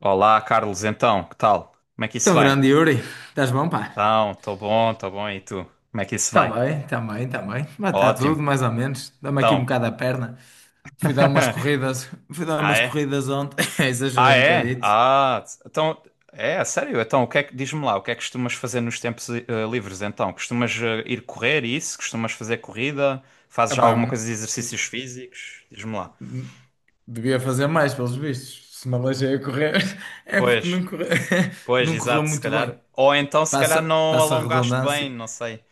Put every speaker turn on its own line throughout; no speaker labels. Olá, Carlos, então, que tal? Como é que isso
Tão
vai?
grande, Yuri, estás bom, pá?
Então, estou bom, e tu? Como é que isso vai?
Também, também, também. Mas está
Ótimo.
tudo, mais ou menos. Dá-me aqui um
Então,
bocado a perna. Fui dar umas corridas, fui dar
ah
umas
é?
corridas ontem,
Ah
exagerei um
é?
bocadito.
Ah, então, é, a sério? Então, o que é que, diz-me lá, o que é que costumas fazer nos tempos livres, então? Costumas ir correr e isso? Costumas fazer corrida? Fazes já
Epá,
alguma coisa de exercícios físicos? Diz-me lá.
m- devia fazer mais, pelos vistos. Se me aleijei a correr, é porque
Pois,
não correu,
pois,
não correu
exato, se
muito bem.
calhar. Ou então, se
Passa,
calhar não
passa a
alongaste bem,
redundância.
não sei.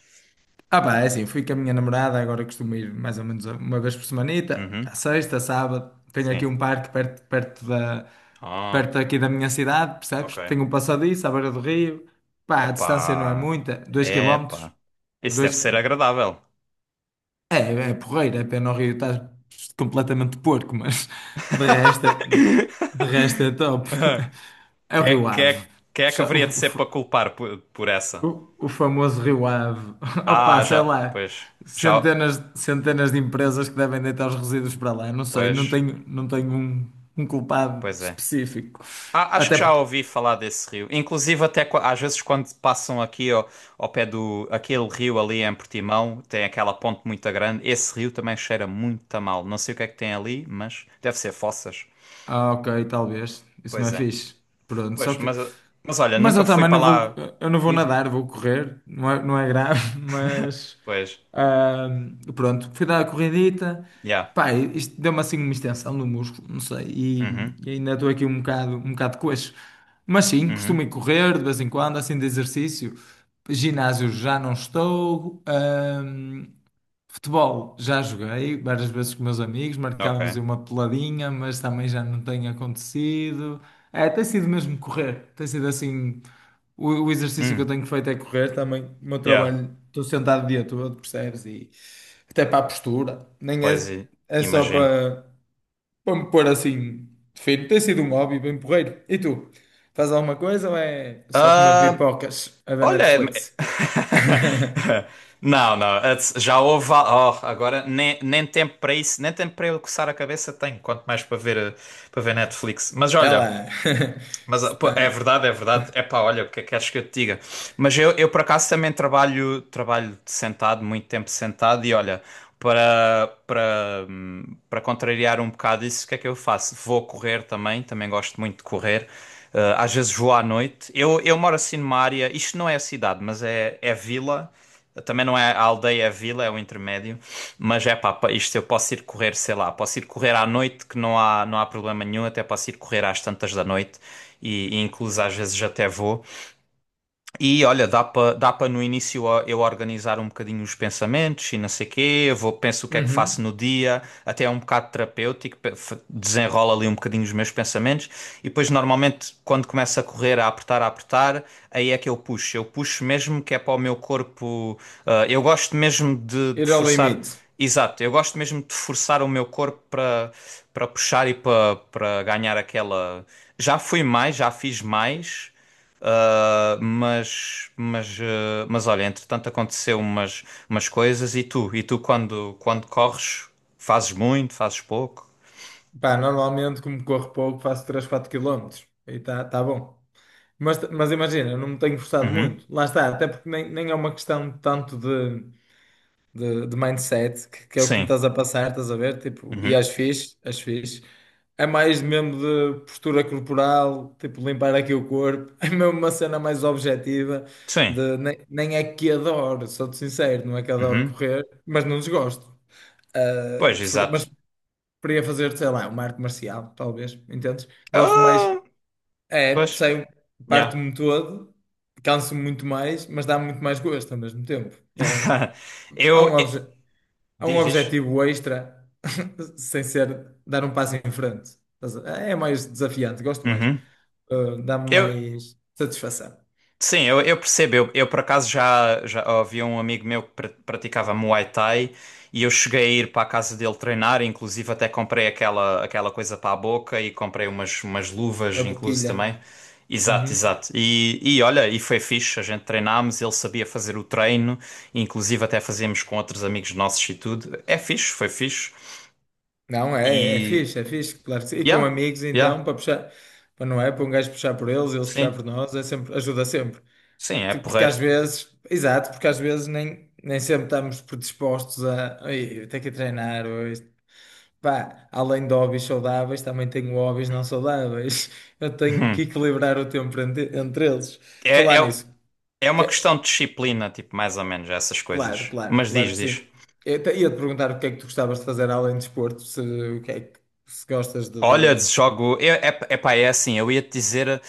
Ah, pá, é assim, fui com a minha namorada. Agora costumo ir mais ou menos uma vez por semanita,
Uhum,
à sexta, sábado. Tenho aqui
sim.
um parque perto,
Ah,
perto aqui da minha cidade, percebes?
ok.
Tenho um passadiço à beira do rio, pá, a distância não é
Epá,
muita, 2 quilómetros,
epá. Isso deve
dois...
ser agradável.
É, é porreiro. É pena o rio estás completamente porco, mas de resto, de resto é top. É o
Quem é,
Rio
quem
Ave.
é- quem é que haveria de ser para culpar por essa?
O famoso Rio Ave. Opa,
Ah,
sei lá,
pois, já,
centenas, centenas de empresas que devem deitar os resíduos para lá. Não sei,
pois,
não tenho um culpado
pois é.
específico.
Ah, acho que
Até
já
porque...
ouvi falar desse rio. Inclusive até às vezes quando passam aqui ao pé do, aquele rio ali em Portimão, tem aquela ponte muito grande. Esse rio também cheira muito a mal. Não sei o que é que tem ali, mas deve ser fossas.
Ah, ok, talvez. Isso não
Pois
é
é.
fixe. Pronto, só
Pois,
que...
mas, mas olha,
Mas eu
nunca fui
também
para
não vou,
lá.
eu não vou
Diz, diz.
nadar, vou correr, não é grave, mas
Pois,
ah, pronto, fui dar a corridita,
já.
pá, isto deu-me assim uma extensão no músculo, não sei, e,
Uhum,
e ainda estou aqui um bocado coxo. Mas sim, costumo
uhum.
ir correr de vez em quando, assim de exercício. Ginásio já não estou. Futebol, já joguei várias vezes com meus amigos,
Ok.
marcávamos aí uma peladinha, mas também já não tem acontecido. É, tem sido mesmo correr, tem sido assim. O exercício que eu
Hum,
tenho feito é correr também. O meu
yeah,
trabalho, estou sentado o dia todo, percebes? E até para a postura, nem
pois
é,
i-
é só
imagino.
para, para me pôr assim fino. Tem sido um hobby bem porreiro. E tu, faz alguma coisa ou é só comer
Ah,
pipocas a ver
olha,
Netflix?
não, não, já houve. Oh, agora nem tempo para isso, nem tempo para eu coçar a cabeça tenho, quanto mais para ver, para ver Netflix. Mas olha.
Ela
Mas ah, pô, é
está.
verdade, é verdade. É pá, olha, o que é que queres que eu te diga? Mas eu por acaso também trabalho, trabalho sentado, muito tempo sentado, e olha, para, para, hum, para contrariar um bocado isso, o que é que eu faço? Vou correr também, também gosto muito de correr. Às vezes vou à noite. Eu moro assim numa área, isto não é a cidade, é vila. Também não é a aldeia, é a vila, é o intermédio. Mas é pá, isto eu posso ir correr, sei lá, posso ir correr à noite, que não não há problema nenhum, até posso ir correr às tantas da noite e incluso às vezes até vou. E olha, dá para no início ó, eu organizar um bocadinho os pensamentos e não sei quê, eu vou, penso o que é que faço no dia, até é um bocado terapêutico, desenrola ali um bocadinho os meus pensamentos e depois normalmente quando começa a correr, a apertar, aí é que eu puxo mesmo que é para o meu corpo, ah, eu gosto mesmo de
Ir ao
forçar,
limite.
exato, eu gosto mesmo de forçar o meu corpo para puxar e para ganhar aquela, já fui mais, já fiz mais. Mas olha, entretanto aconteceu umas, umas coisas e tu quando corres, fazes muito, fazes pouco?
Pá, normalmente, como corro pouco, faço 3 4 km. E tá, tá bom. Mas imagina, eu não me tenho forçado
Uhum.
muito. Lá está, até porque nem é uma questão tanto de, de mindset, que é o que me
Sim.
estás a passar, estás a ver? Tipo, e
Uhum.
as fiz as fiz. É mais mesmo de postura corporal, tipo, limpar aqui o corpo. É mesmo uma cena mais objetiva.
Sim.
De, nem é que adoro, sou-te sincero, não é que adoro
Uhum.
correr, mas não desgosto. Ah,
Pois, exato.
preferia fazer, sei lá, uma arte marcial, talvez, entendes? Gosto mais,
Ah,
é,
pois,
sei,
yeah.
parte-me todo, canso-me muito mais, mas dá-me muito mais gosto ao mesmo tempo. É um, há um,
Eu, eu-
obje, há um
Diz, diz.
objetivo extra, sem ser dar um passo em frente. Estás a- É mais desafiante, gosto mais.
Uhum.
Dá-me
Eu,
mais satisfação.
Sim, eu percebo. Por acaso já, já havia um amigo meu que praticava Muay Thai e eu cheguei a ir para a casa dele treinar, inclusive até comprei aquela, aquela coisa para a boca e comprei umas, umas luvas,
A
incluso
boquilha.
também. Exato,
Uhum.
exato. E olha, e foi fixe, a gente treinámos, ele sabia fazer o treino, inclusive até fazíamos com outros amigos nossos e tudo. É fixe, foi fixe.
Não, é,
E.
é fixe, claro que sim. E com
Yeah,
amigos, então,
yeah,
para puxar, para... não é? Para um gajo puxar por eles, eles puxar
sim,
por nós, é sempre, ajuda sempre.
sim, é
Tipo, porque às
porreiro.
vezes, exato, porque às vezes nem sempre estamos predispostos a "Ei, ter que treinar hoje." Pá, além de hobbies saudáveis, também tenho hobbies não saudáveis. Eu tenho que
Hum.
equilibrar o tempo entre eles.
É,
Falar
é,
nisso.
é uma
que-
questão de disciplina, tipo, mais ou menos, essas
Claro,
coisas.
claro,
Mas
claro
diz,
que
diz.
sim. Ia-te perguntar o que é que tu gostavas de fazer além de desporto, se, o que é que se gostas de.
Olha, jogo. É, é, é pá, é assim, eu ia te dizer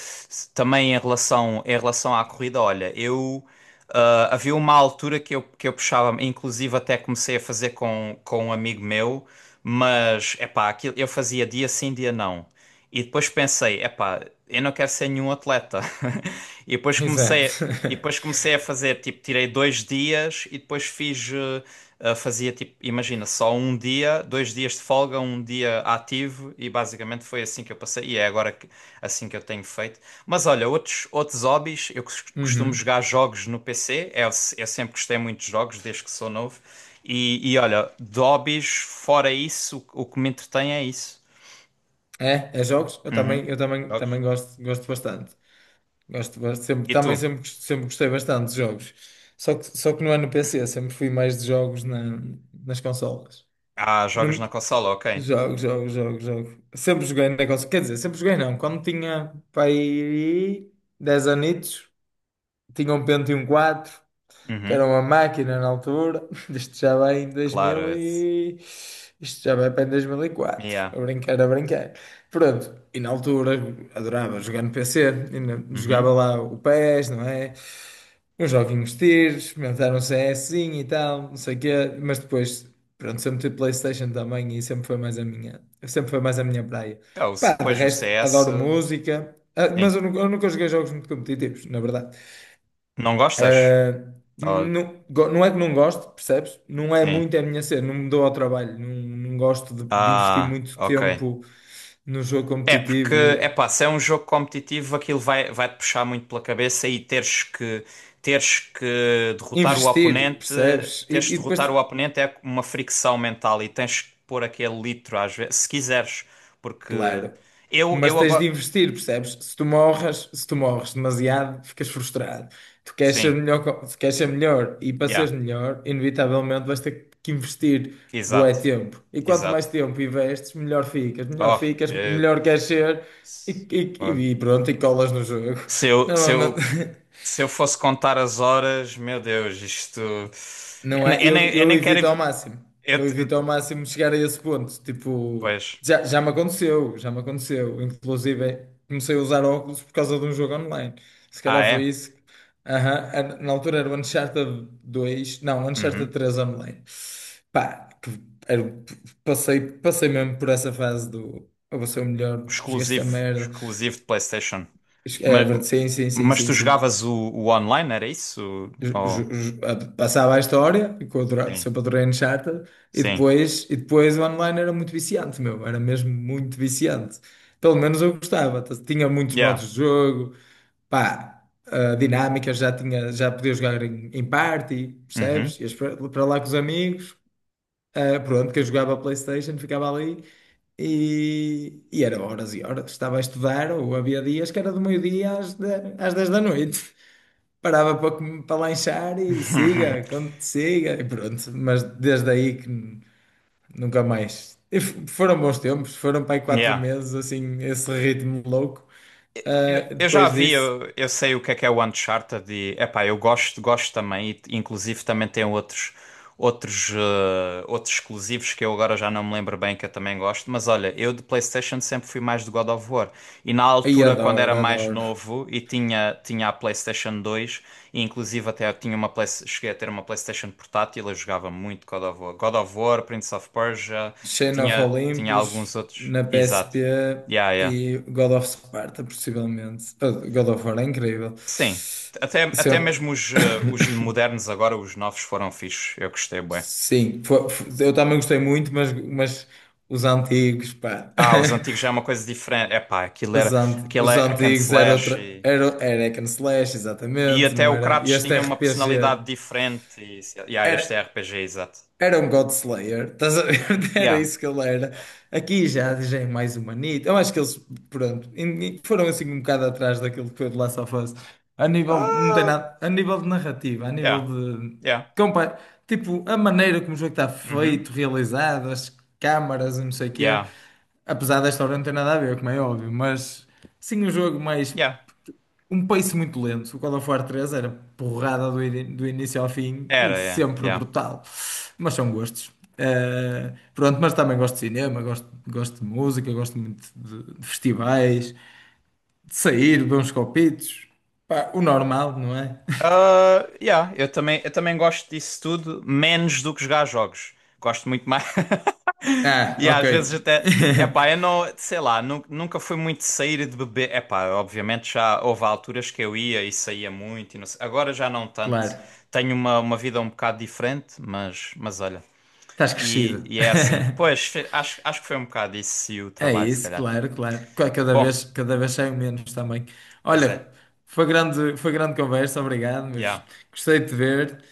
também em relação à corrida, olha, eu. Ah, havia uma altura que que eu puxava, inclusive até comecei a fazer com um amigo meu, mas é pá, aquilo, eu fazia dia sim, dia não. E depois pensei, epá, eu não quero ser nenhum atleta. E
Exato.
depois comecei a fazer, tipo, tirei dois dias e depois fiz, fazia tipo, imagina, só um dia, dois dias de folga, um dia ativo e basicamente foi assim que eu passei e é agora que, assim que eu tenho feito. Mas olha, outros, outros hobbies, eu costumo
Uhum.
jogar jogos no PC, eu, se- eu sempre gostei muito de jogos desde que sou novo. E olha, de hobbies, fora isso, o que me entretém é isso.
É, é jogos? Eu também,
Jogos.
também gosto, gosto bastante. Gosto, gosto sempre,
E tu?
também sempre, sempre gostei bastante de jogos. Só que não é no PC, sempre fui mais de jogos nas consolas.
Ah, jogas na
No,
consola, ok.
jogo, jogo, jogo, jogo. Sempre joguei na consola. Quer dizer, sempre joguei não. Quando tinha para aí 10 anitos, tinha um Pentium 4 que era
Uhum,
uma máquina na altura. Isto já vai em 2000
claro.
e... Isto já vai para em 2004.
Yeah.
A brincar, a brincar. Pronto, e na altura adorava jogar no PC, e jogava
Uhum.
lá o PES, não é? Os joguinhos de tiro, experimentaram um CSzinho e tal, não sei o quê, mas depois, pronto, sempre tive PlayStation também e sempre foi mais a minha, sempre foi mais a minha praia.
Ah,
Pá, de
pois o
resto,
CS.
adoro música. Ah,
Sim.
mas eu nunca joguei jogos muito competitivos, na verdade.
Não gostas?
Ah,
Oh,
não, não é que não gosto, percebes? Não é
sim.
muito a minha cena, não me dou ao trabalho, não, não gosto de, investir
Ah,
muito
ok.
tempo no jogo
É porque, é
competitivo.
pá, se é um jogo competitivo, aquilo vai-te puxar muito pela cabeça e teres que derrotar o
Investir,
oponente.
percebes? E,
Teres que
e depois...
derrotar o oponente é uma fricção mental e tens que pôr aquele litro às vezes, se quiseres. Porque
Claro. Mas
eu
tens de
agora.
investir, percebes? Se tu morres demasiado, ficas frustrado. Tu queres
Sim,
ser melhor, se queres ser melhor e para
yeah,
seres melhor, inevitavelmente vais ter que investir bué
exato.
tempo. E quanto mais
Exato.
tempo investes, melhor ficas, melhor
Ó
ficas,
é-
melhor queres ser e,
oh.
e pronto, e colas no jogo.
Se
Normalmente...
se eu fosse contar as horas, meu Deus, isto. Eu,
Não é?
eu
Eu
nem quero.
evito ao máximo.
Eu,
Eu
te-
evito ao máximo chegar a esse ponto. Tipo,
pois.
já, já me aconteceu, já me aconteceu. Inclusive, comecei a usar óculos por causa de um jogo online. Se
Ah,
calhar foi
é?
isso. Aham, na altura era o Uncharted 2, não, Uncharted
Uhum.
3 online. Pá, era- passei, passei mesmo por essa fase do eu vou ser o melhor, joguei esta
Exclusivo.
merda.
Exclusivo de PlayStation.
É,
Mas,
verdade, sim, sim, sim,
mas
sim,
tu
sim.
jogavas o online, era isso? Oh,
Passava a história, e que eu adorava,
sim.
sempre adorei Uncharted,
Sim.
e depois o online era muito viciante, meu, era mesmo muito viciante. Pelo menos eu gostava, tinha muitos
Yeah.
modos de jogo, pá, a dinâmica já tinha, já podia jogar em, em party,
Uhum.
percebes? Ias para lá com os amigos, ah, pronto, quem jogava a PlayStation ficava ali. E era horas e horas. Estava a estudar, ou havia dias que era do meio-dia às 10 da noite, parava para, para lanchar e siga, como te siga, e pronto. Mas desde aí que nunca mais. E foram bons tempos, foram para aí quatro
Yeah.
meses, assim, esse ritmo louco. Ah,
Eu já
depois
vi,
disso,
eu sei o que é o Uncharted e, epá, eu gosto, gosto também e inclusive também tem outros outros exclusivos que eu agora já não me lembro bem que eu também gosto, mas olha, eu de PlayStation sempre fui mais de God of War e na
aí
altura quando era
adoro,
mais
adoro.
novo e tinha a PlayStation 2 e inclusive até eu tinha uma cheguei a ter uma PlayStation portátil, eu jogava muito God of War, Prince of Persia,
Chain of
tinha
Olympus
alguns outros.
na
Exato.
PSP
Yeah, yeah.
e God of Sparta, possivelmente. Ah, God of War é incrível.
Sim.
Se
Até mesmo
eu-
os, os modernos agora, os novos foram fixos. Eu gostei bem.
Sim, eu também gostei muito, mas os antigos, pá.
Ah, os antigos já é uma coisa diferente. Epá, aquilo era, aquilo
Os
é hack and
antigos era
slash
outra. Era, era hack and slash,
e
exatamente,
até
não
o
era? E
Kratos
este
tinha uma
RPG
personalidade diferente. E, yeah, este é
era,
RPG, exato.
era um God Slayer, estás a ver? Era
Yeah.
isso que ele era.
Yeah.
Aqui já, já é mais humanito. Eu acho que eles, pronto, foram assim um bocado atrás daquilo que foi de Last of Us. A nível, não tem
Ah,
nada, a nível de narrativa, a nível
yeah.
de...
Yeah.
compa- tipo, a maneira como o jogo está
Uhum.
feito, realizado, as câmaras, e não sei o quê.
Yeah.
Apesar da história não ter nada a ver, como é óbvio, mas sim um jogo mais...
Yeah.
um pace muito lento. O God of War 3 era porrada do início ao fim e
Era, é.
sempre
Yeah.
brutal. Mas são gostos. Eh, pronto, mas também gosto de cinema, gosto, gosto de música, gosto muito de festivais, de sair, beber uns copitos. Pá, o normal, não é?
Ah, yeah, eu também gosto disso tudo, menos do que jogar jogos. Gosto muito mais.
Ah,
E
ok.
às vezes até. Epá, eu não. Sei lá, nunca fui muito de sair e de beber. Epá, obviamente já houve alturas que eu ia e saía muito. E não sei- Agora já não tanto.
Claro,
Tenho uma vida um bocado diferente, mas olha.
estás crescido.
E é assim. Pois, acho que foi um bocado isso e o
É
trabalho, se
isso,
calhar.
claro, claro.
Bom,
Cada vez saio menos também.
pois é.
Olha, foi grande conversa, obrigado, mas
Yeah.
gostei de te ver.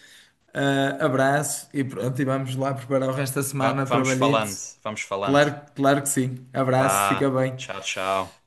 Ah, abraço e pronto, e vamos lá preparar o resto da semana,
Vamos
trabalhito.
falando, vamos falando.
Claro, claro que sim. Abraço, fica
Vá,
bem.
tchau, tchau.